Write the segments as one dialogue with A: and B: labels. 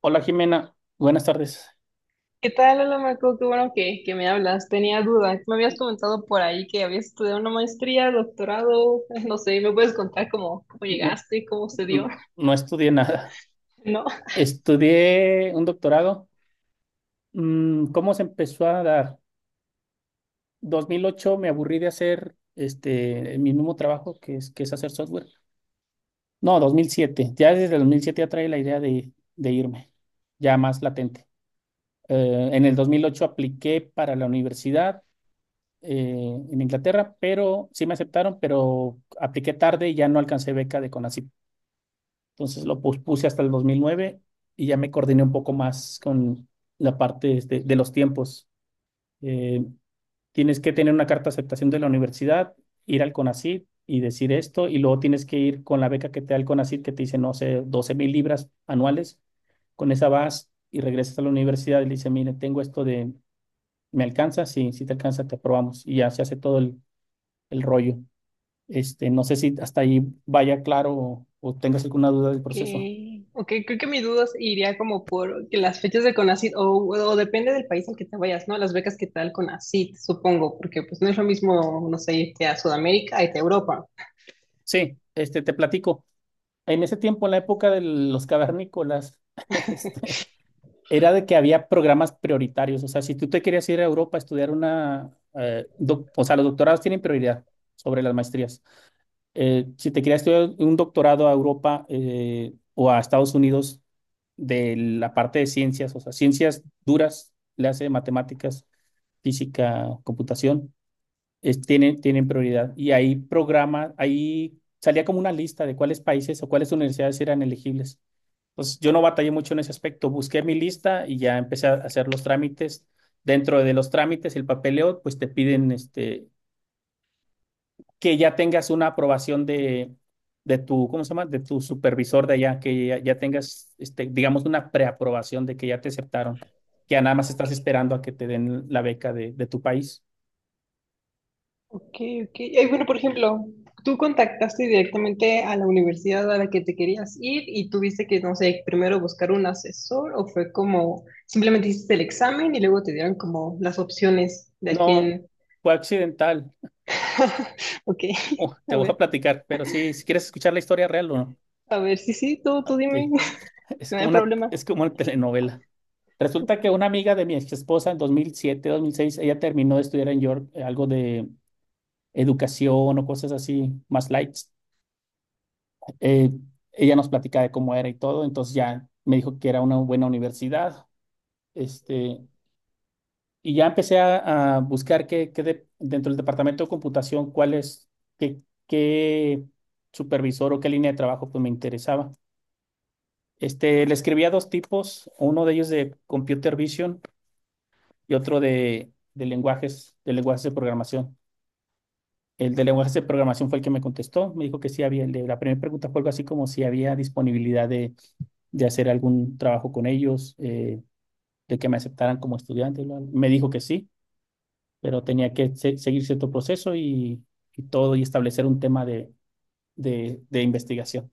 A: Hola Jimena, buenas tardes.
B: ¿Qué tal, hola Marco? Qué bueno que me hablas. Tenía dudas. Me habías comentado por ahí que habías estudiado una maestría, doctorado, no sé, ¿me puedes contar cómo
A: No,
B: llegaste, cómo se dio?
A: n- no estudié nada.
B: ¿No?
A: Estudié un doctorado. ¿Cómo se empezó a dar? 2008 me aburrí de hacer mi mismo trabajo, que es, hacer software. No, 2007. Ya desde el 2007 ya trae la idea de irme, ya más latente. En el 2008 apliqué para la universidad, en Inglaterra, pero sí me aceptaron, pero apliqué tarde y ya no alcancé beca de. Entonces lo puse hasta el 2009 y ya me coordiné un poco más con la parte los tiempos. Eh, Tienes que tener una carta de aceptación de la universidad, ir al CONACYT y decir esto, y luego tienes que ir con la beca que te da el CONACYT, que te dice, no sé, 12,000 libras anuales. Con esa vas y regresas a la universidad y le dice, mire, tengo esto de, ¿me alcanza? Sí, si te alcanza, te aprobamos. Y ya se hace todo el rollo. No sé si hasta ahí vaya claro o tengas alguna duda del
B: Ok,
A: proceso.
B: ok, creo que mi duda iría como por que las fechas de CONACYT, o depende del país al que te vayas, ¿no? Las becas que tal CONACYT, supongo, porque pues no es lo mismo, no sé, irte a Sudamérica, irte a Europa.
A: Sí, te platico. En ese tiempo, en la época de los cavernícolas, este, era de que había programas prioritarios. O sea, si tú te querías ir a Europa a estudiar una, o sea, los doctorados tienen prioridad sobre las maestrías. Si te querías estudiar un doctorado a Europa, o a Estados Unidos, de la parte de ciencias, o sea, ciencias duras, le hace matemáticas, física, computación, tienen prioridad. Y ahí salía como una lista de cuáles países o cuáles universidades eran elegibles. Entonces, yo no batallé mucho en ese aspecto. Busqué mi lista y ya empecé a hacer los trámites. Dentro de los trámites, el papeleo, pues te piden que ya tengas una aprobación de tu, ¿cómo se llama? De tu supervisor de allá, que ya tengas, digamos, una preaprobación de que ya te aceptaron, que ya nada más
B: Ok,
A: estás esperando a que te den la beca de tu país.
B: ok, ok. Ay, bueno, por ejemplo, tú contactaste directamente a la universidad a la que te querías ir y tuviste que, no sé, primero buscar un asesor o fue como simplemente hiciste el examen y luego te dieron como las opciones de a
A: No,
B: quién.
A: fue accidental.
B: Ok,
A: Oh,
B: a
A: te voy a
B: ver,
A: platicar, pero si quieres escuchar la historia real o no,
B: a ver, sí, sí, tú dime,
A: que es
B: si no
A: como
B: hay
A: una,
B: problema.
A: es como una telenovela. Resulta que una amiga de mi ex esposa en 2007, 2006, ella terminó de estudiar en York, algo de educación o cosas así más light. Eh, Ella nos platicaba de cómo era y todo, entonces ya me dijo que era una buena universidad. Este, y ya empecé a buscar dentro del departamento de computación, cuál es, qué, qué supervisor o qué línea de trabajo pues me interesaba. Le escribí a dos tipos, uno de ellos de computer vision y otro de lenguajes, de lenguajes de programación. El de lenguajes de programación fue el que me contestó, me dijo que sí había, el de la primera pregunta fue algo así como si había disponibilidad de hacer algún trabajo con ellos, de que me aceptaran como estudiante. Bla, bla. Me dijo que sí, pero tenía que seguir cierto proceso y todo y establecer un tema de investigación.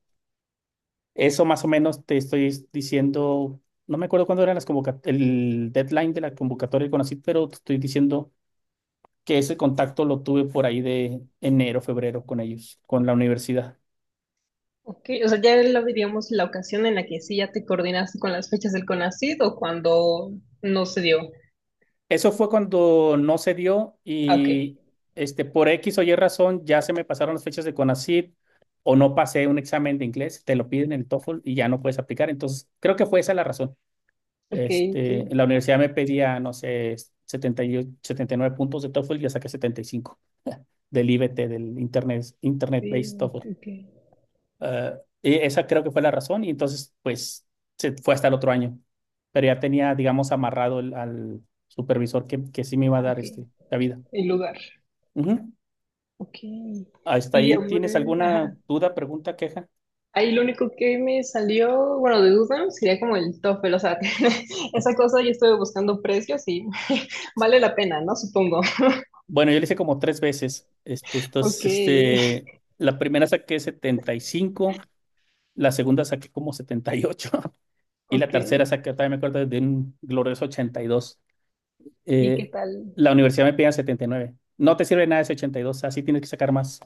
A: Eso más o menos te estoy diciendo, no me acuerdo cuándo era las el deadline de la convocatoria con ACID, pero te estoy diciendo que ese contacto lo tuve por ahí de enero, febrero con ellos, con la universidad.
B: Ok, o sea, ya lo diríamos la ocasión en la que sí ya te coordinaste con las fechas del CONACYT o cuando no se dio.
A: Eso fue cuando no se dio
B: Ah, ok,
A: y por X o Y razón ya se me pasaron las fechas de CONACYT o no pasé un examen de inglés, te lo piden en el TOEFL y ya no puedes aplicar. Entonces, creo que fue esa la razón.
B: ok, ok,
A: En la universidad me pedía, no sé, 78, 79 puntos de TOEFL y ya saqué 75 del IBT, del Internet
B: sí,
A: Based TOEFL.
B: ok,
A: Eh, y esa creo que fue la razón y entonces, pues, se fue hasta el otro año. Pero ya tenía, digamos, amarrado al supervisor que sí me iba a
B: ah,
A: dar,
B: ok,
A: la vida.
B: el lugar.
A: Ujú.
B: Ok.
A: ¿Hasta
B: Y
A: ahí
B: a
A: tienes
B: ver,
A: alguna
B: ajá.
A: duda, pregunta, queja?
B: Ahí lo único que me salió, bueno, de duda sería como el TOEFL, o sea, esa cosa yo estuve buscando precios y vale la pena, ¿no? Supongo.
A: Bueno, yo le hice como tres veces.
B: Ok,
A: Entonces, la primera saqué 75. La segunda saqué como 78, y la
B: ok.
A: tercera saqué, también me acuerdo, de un glorioso 82.
B: ¿Y qué
A: Eh,
B: tal?
A: la universidad me pedía 79. No te sirve nada ese 82, así tienes que sacar más.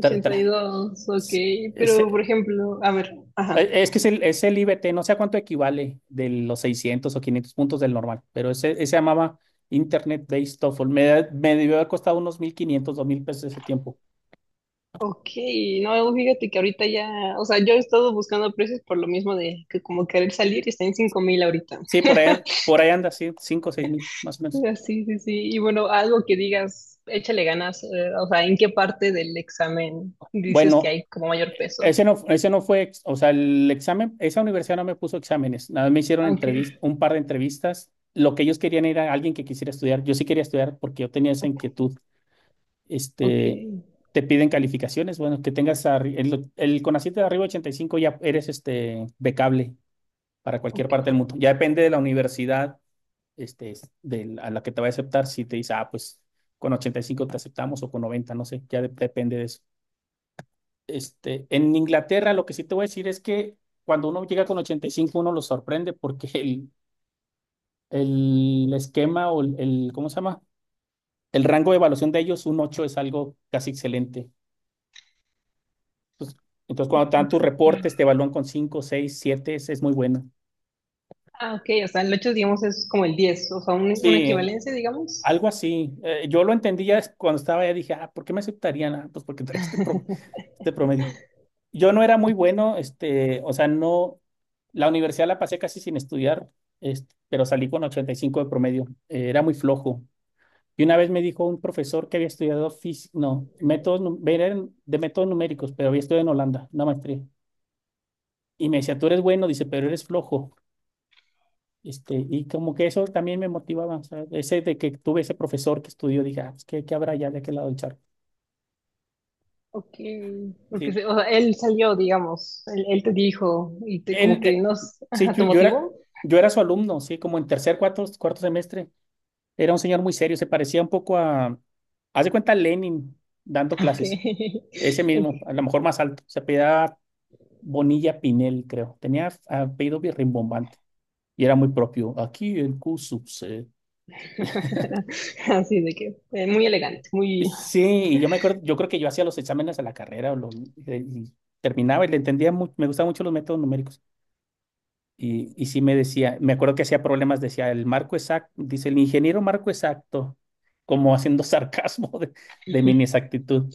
A: Tra-
B: y
A: tra-
B: dos, ok.
A: s-
B: Pero, por
A: ese-
B: ejemplo, a ver, ajá.
A: es que es el IBT, no sé a cuánto equivale de los 600 o 500 puntos del normal, pero ese se llamaba Internet Based TOEFL. Me debió haber costado unos 1,500 2,000 pesos ese tiempo.
B: Ok, no, fíjate que ahorita ya, o sea, yo he estado buscando precios por lo mismo de que como querer salir y está en 5 mil ahorita.
A: Sí, por ahí anda, sí, 5,000 o 6,000 más o menos.
B: Ah, sí, sí, sí. Y bueno, algo que digas, échale ganas, o sea, ¿en qué parte del examen dices que
A: Bueno,
B: hay como mayor peso?
A: Ese no fue, ex- o sea, el examen, esa universidad no me puso exámenes, nada más me hicieron
B: Aunque,
A: un par de entrevistas. Lo que ellos querían era alguien que quisiera estudiar. Yo sí quería estudiar porque yo tenía esa
B: ok,
A: inquietud.
B: ok,
A: Este, Te piden calificaciones, bueno, que tengas el CONACYT de arriba de 85, ya eres becable para cualquier parte del
B: ok.
A: mundo. Ya depende de la universidad, a la que te va a aceptar, si te dice, "Ah, pues con 85 te aceptamos o con 90, no sé", ya depende de eso. En Inglaterra, lo que sí te voy a decir es que cuando uno llega con 85, uno lo sorprende, porque el esquema o ¿cómo se llama? El rango de evaluación de ellos, un 8 es algo casi excelente. Entonces, cuando te dan tus reportes, te evalúan con 5, 6, 7, es muy bueno.
B: Ah, ok, o sea, el 8, digamos, es como el 10 o sea, una
A: Sí,
B: equivalencia, digamos.
A: algo así. Yo lo entendía cuando estaba allá, dije, ah, ¿por qué me aceptarían? Ah, pues porque trae, promedio. Yo no era muy bueno, o sea, no, la universidad la pasé casi sin estudiar, pero salí con 85 de promedio, era muy flojo. Y una vez me dijo un profesor que había estudiado no, métodos, eran de métodos numéricos, pero había estudiado en Holanda, una maestría. Y me decía, tú eres bueno, dice, pero eres flojo. Y como que eso también me motivaba, o sea, ese de que tuve ese profesor que estudió, dije, ah, pues, ¿qué habrá ya de aquel lado del charco.
B: Ok, porque
A: Sí,
B: o sea, él salió, digamos, él te dijo y te
A: él,
B: como que
A: él-
B: nos,
A: sí,
B: ajá,
A: yo,
B: te
A: yo era,
B: motivó.
A: yo era su alumno, sí, como en tercer, cuarto semestre. Era un señor muy serio, se parecía un poco a, haz de cuenta, Lenin dando
B: Ok,
A: clases. Ese
B: ok.
A: mismo, a lo mejor más alto. Se apellidaba Bonilla Pinel, creo. Tenía apellido bien rimbombante y era muy propio. Aquí el Q sub C.
B: Así de que, muy elegante, muy,
A: Sí, y yo me acuerdo, yo creo que yo hacía los exámenes a la carrera o y terminaba y le entendía mucho, me gustaban mucho los métodos numéricos. Y sí me decía, me acuerdo que hacía problemas, decía el marco exacto, dice el ingeniero marco exacto, como haciendo sarcasmo de mi inexactitud.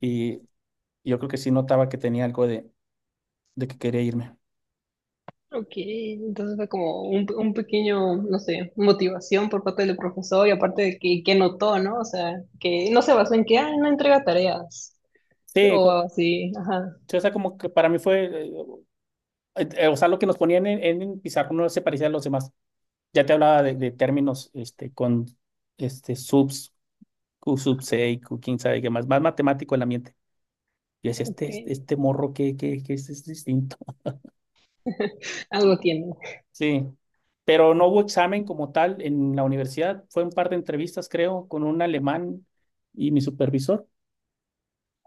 A: Y yo creo que sí notaba que tenía algo de que quería irme.
B: ok, entonces fue como un pequeño, no sé, motivación por parte del profesor y aparte de que notó, ¿no? O sea, que no se basó en que, ah, no entrega tareas
A: Sí,
B: o así, ajá,
A: sí, o sea, como que para mí fue, o sea, lo que nos ponían en el no se parecía a los demás. Ya te hablaba de términos, este, subs, Q sub C, Q quién sabe qué más matemático el ambiente. Y decía, este,
B: ok,
A: este este morro que es distinto.
B: algo tiene.
A: Sí, pero no hubo
B: Ok.
A: examen como tal en la universidad. Fue un par de entrevistas, creo, con un alemán y mi supervisor.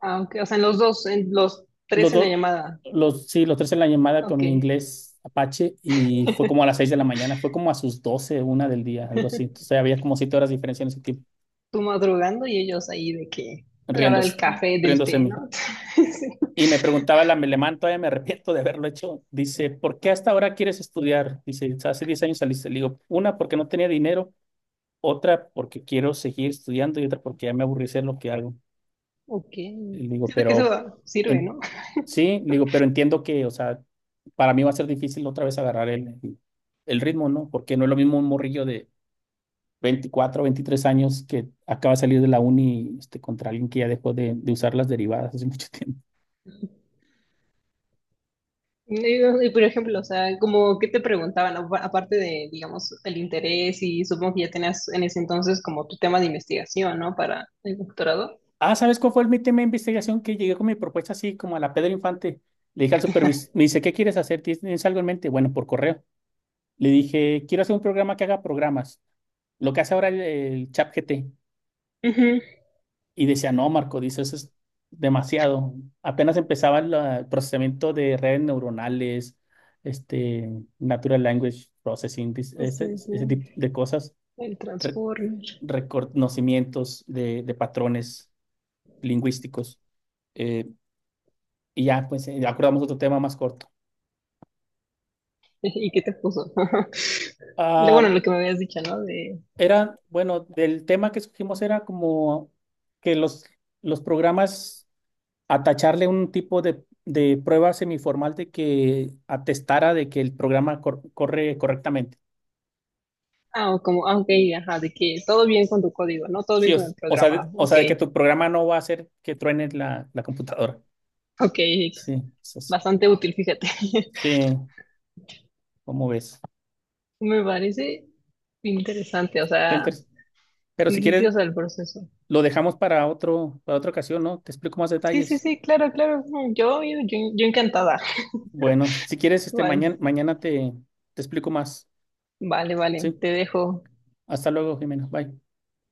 B: Ah, ok, o sea, en los dos, en los tres
A: Los
B: en la
A: dos,
B: llamada,
A: los, sí, los tres en la llamada con
B: ok,
A: mi inglés Apache, y fue como a las 6 de la mañana, fue como a sus 12 una del día, algo así. Entonces había como 7 horas de diferencia en ese tiempo,
B: tú madrugando y ellos ahí de que, a la hora del
A: riéndose,
B: café, del
A: riéndose de
B: té,
A: mí.
B: ¿no? Sí.
A: Y me preguntaba el alemán, todavía me arrepiento de haberlo hecho. Dice, ¿por qué hasta ahora quieres estudiar? Dice, hace 10 años saliste. Le digo, una porque no tenía dinero, otra porque quiero seguir estudiando y otra porque ya me aburrí de hacer lo que hago.
B: Ok,
A: Y le digo,
B: siento que eso sirve,
A: en,
B: ¿no?
A: sí, le digo, pero entiendo que, o sea, para mí va a ser difícil otra vez agarrar el ritmo, ¿no? Porque no es lo mismo un morrillo de 24, 23 años que acaba de salir de la uni, contra alguien que ya dejó de usar las derivadas hace mucho tiempo.
B: Y, por ejemplo, o sea, como qué te preguntaban, aparte de, digamos, el interés y supongo que ya tenías en ese entonces como tu tema de investigación, ¿no? Para el doctorado.
A: Ah, ¿sabes cuál fue el mi tema de investigación? Que llegué con mi propuesta así, como a la Pedro Infante. Le dije al supervisor, me dice, ¿qué quieres hacer? ¿Tienes algo en mente? Bueno, por correo. Le dije, quiero hacer un programa que haga programas. Lo que hace ahora el ChatGPT.
B: Ujú.
A: Y decía, no, Marco, dice, eso es demasiado. Apenas empezaba el procesamiento de redes neuronales, este, natural language processing,
B: Sí, sí,
A: ese tipo de cosas,
B: el
A: re-
B: Transformer.
A: reconocimientos de patrones lingüísticos. Eh, y ya, pues, acordamos otro tema más corto.
B: ¿Y qué te puso?
A: Ah,
B: Bueno, lo que me habías dicho, ¿no? De,
A: era, bueno, del tema que escogimos era como que los programas atacharle un tipo de prueba semiformal de que atestara de que el programa corre correctamente.
B: ah, o como, ah, ok, ajá, de que todo bien con tu código, ¿no? Todo bien
A: Sí, o,
B: con el
A: o sea, de,
B: programa,
A: o
B: ok,
A: sea, de que tu programa no va a hacer que truene la computadora.
B: ok,
A: Sí, eso es-
B: bastante útil, fíjate.
A: sí, ¿cómo ves?
B: Me parece interesante, o
A: Está
B: sea,
A: interes- Pero
B: sí,
A: si
B: sí, sí, o
A: quieres,
B: sea, el proceso.
A: lo dejamos para otra ocasión, ¿no? Te explico más
B: Sí, sí,
A: detalles.
B: sí, claro, claro. Yo, yo, yo encantada.
A: Bueno, si quieres, mañana,
B: Vale,
A: mañana te explico más.
B: vale, vale.
A: Sí,
B: Te dejo.
A: hasta luego, Jimena. Bye.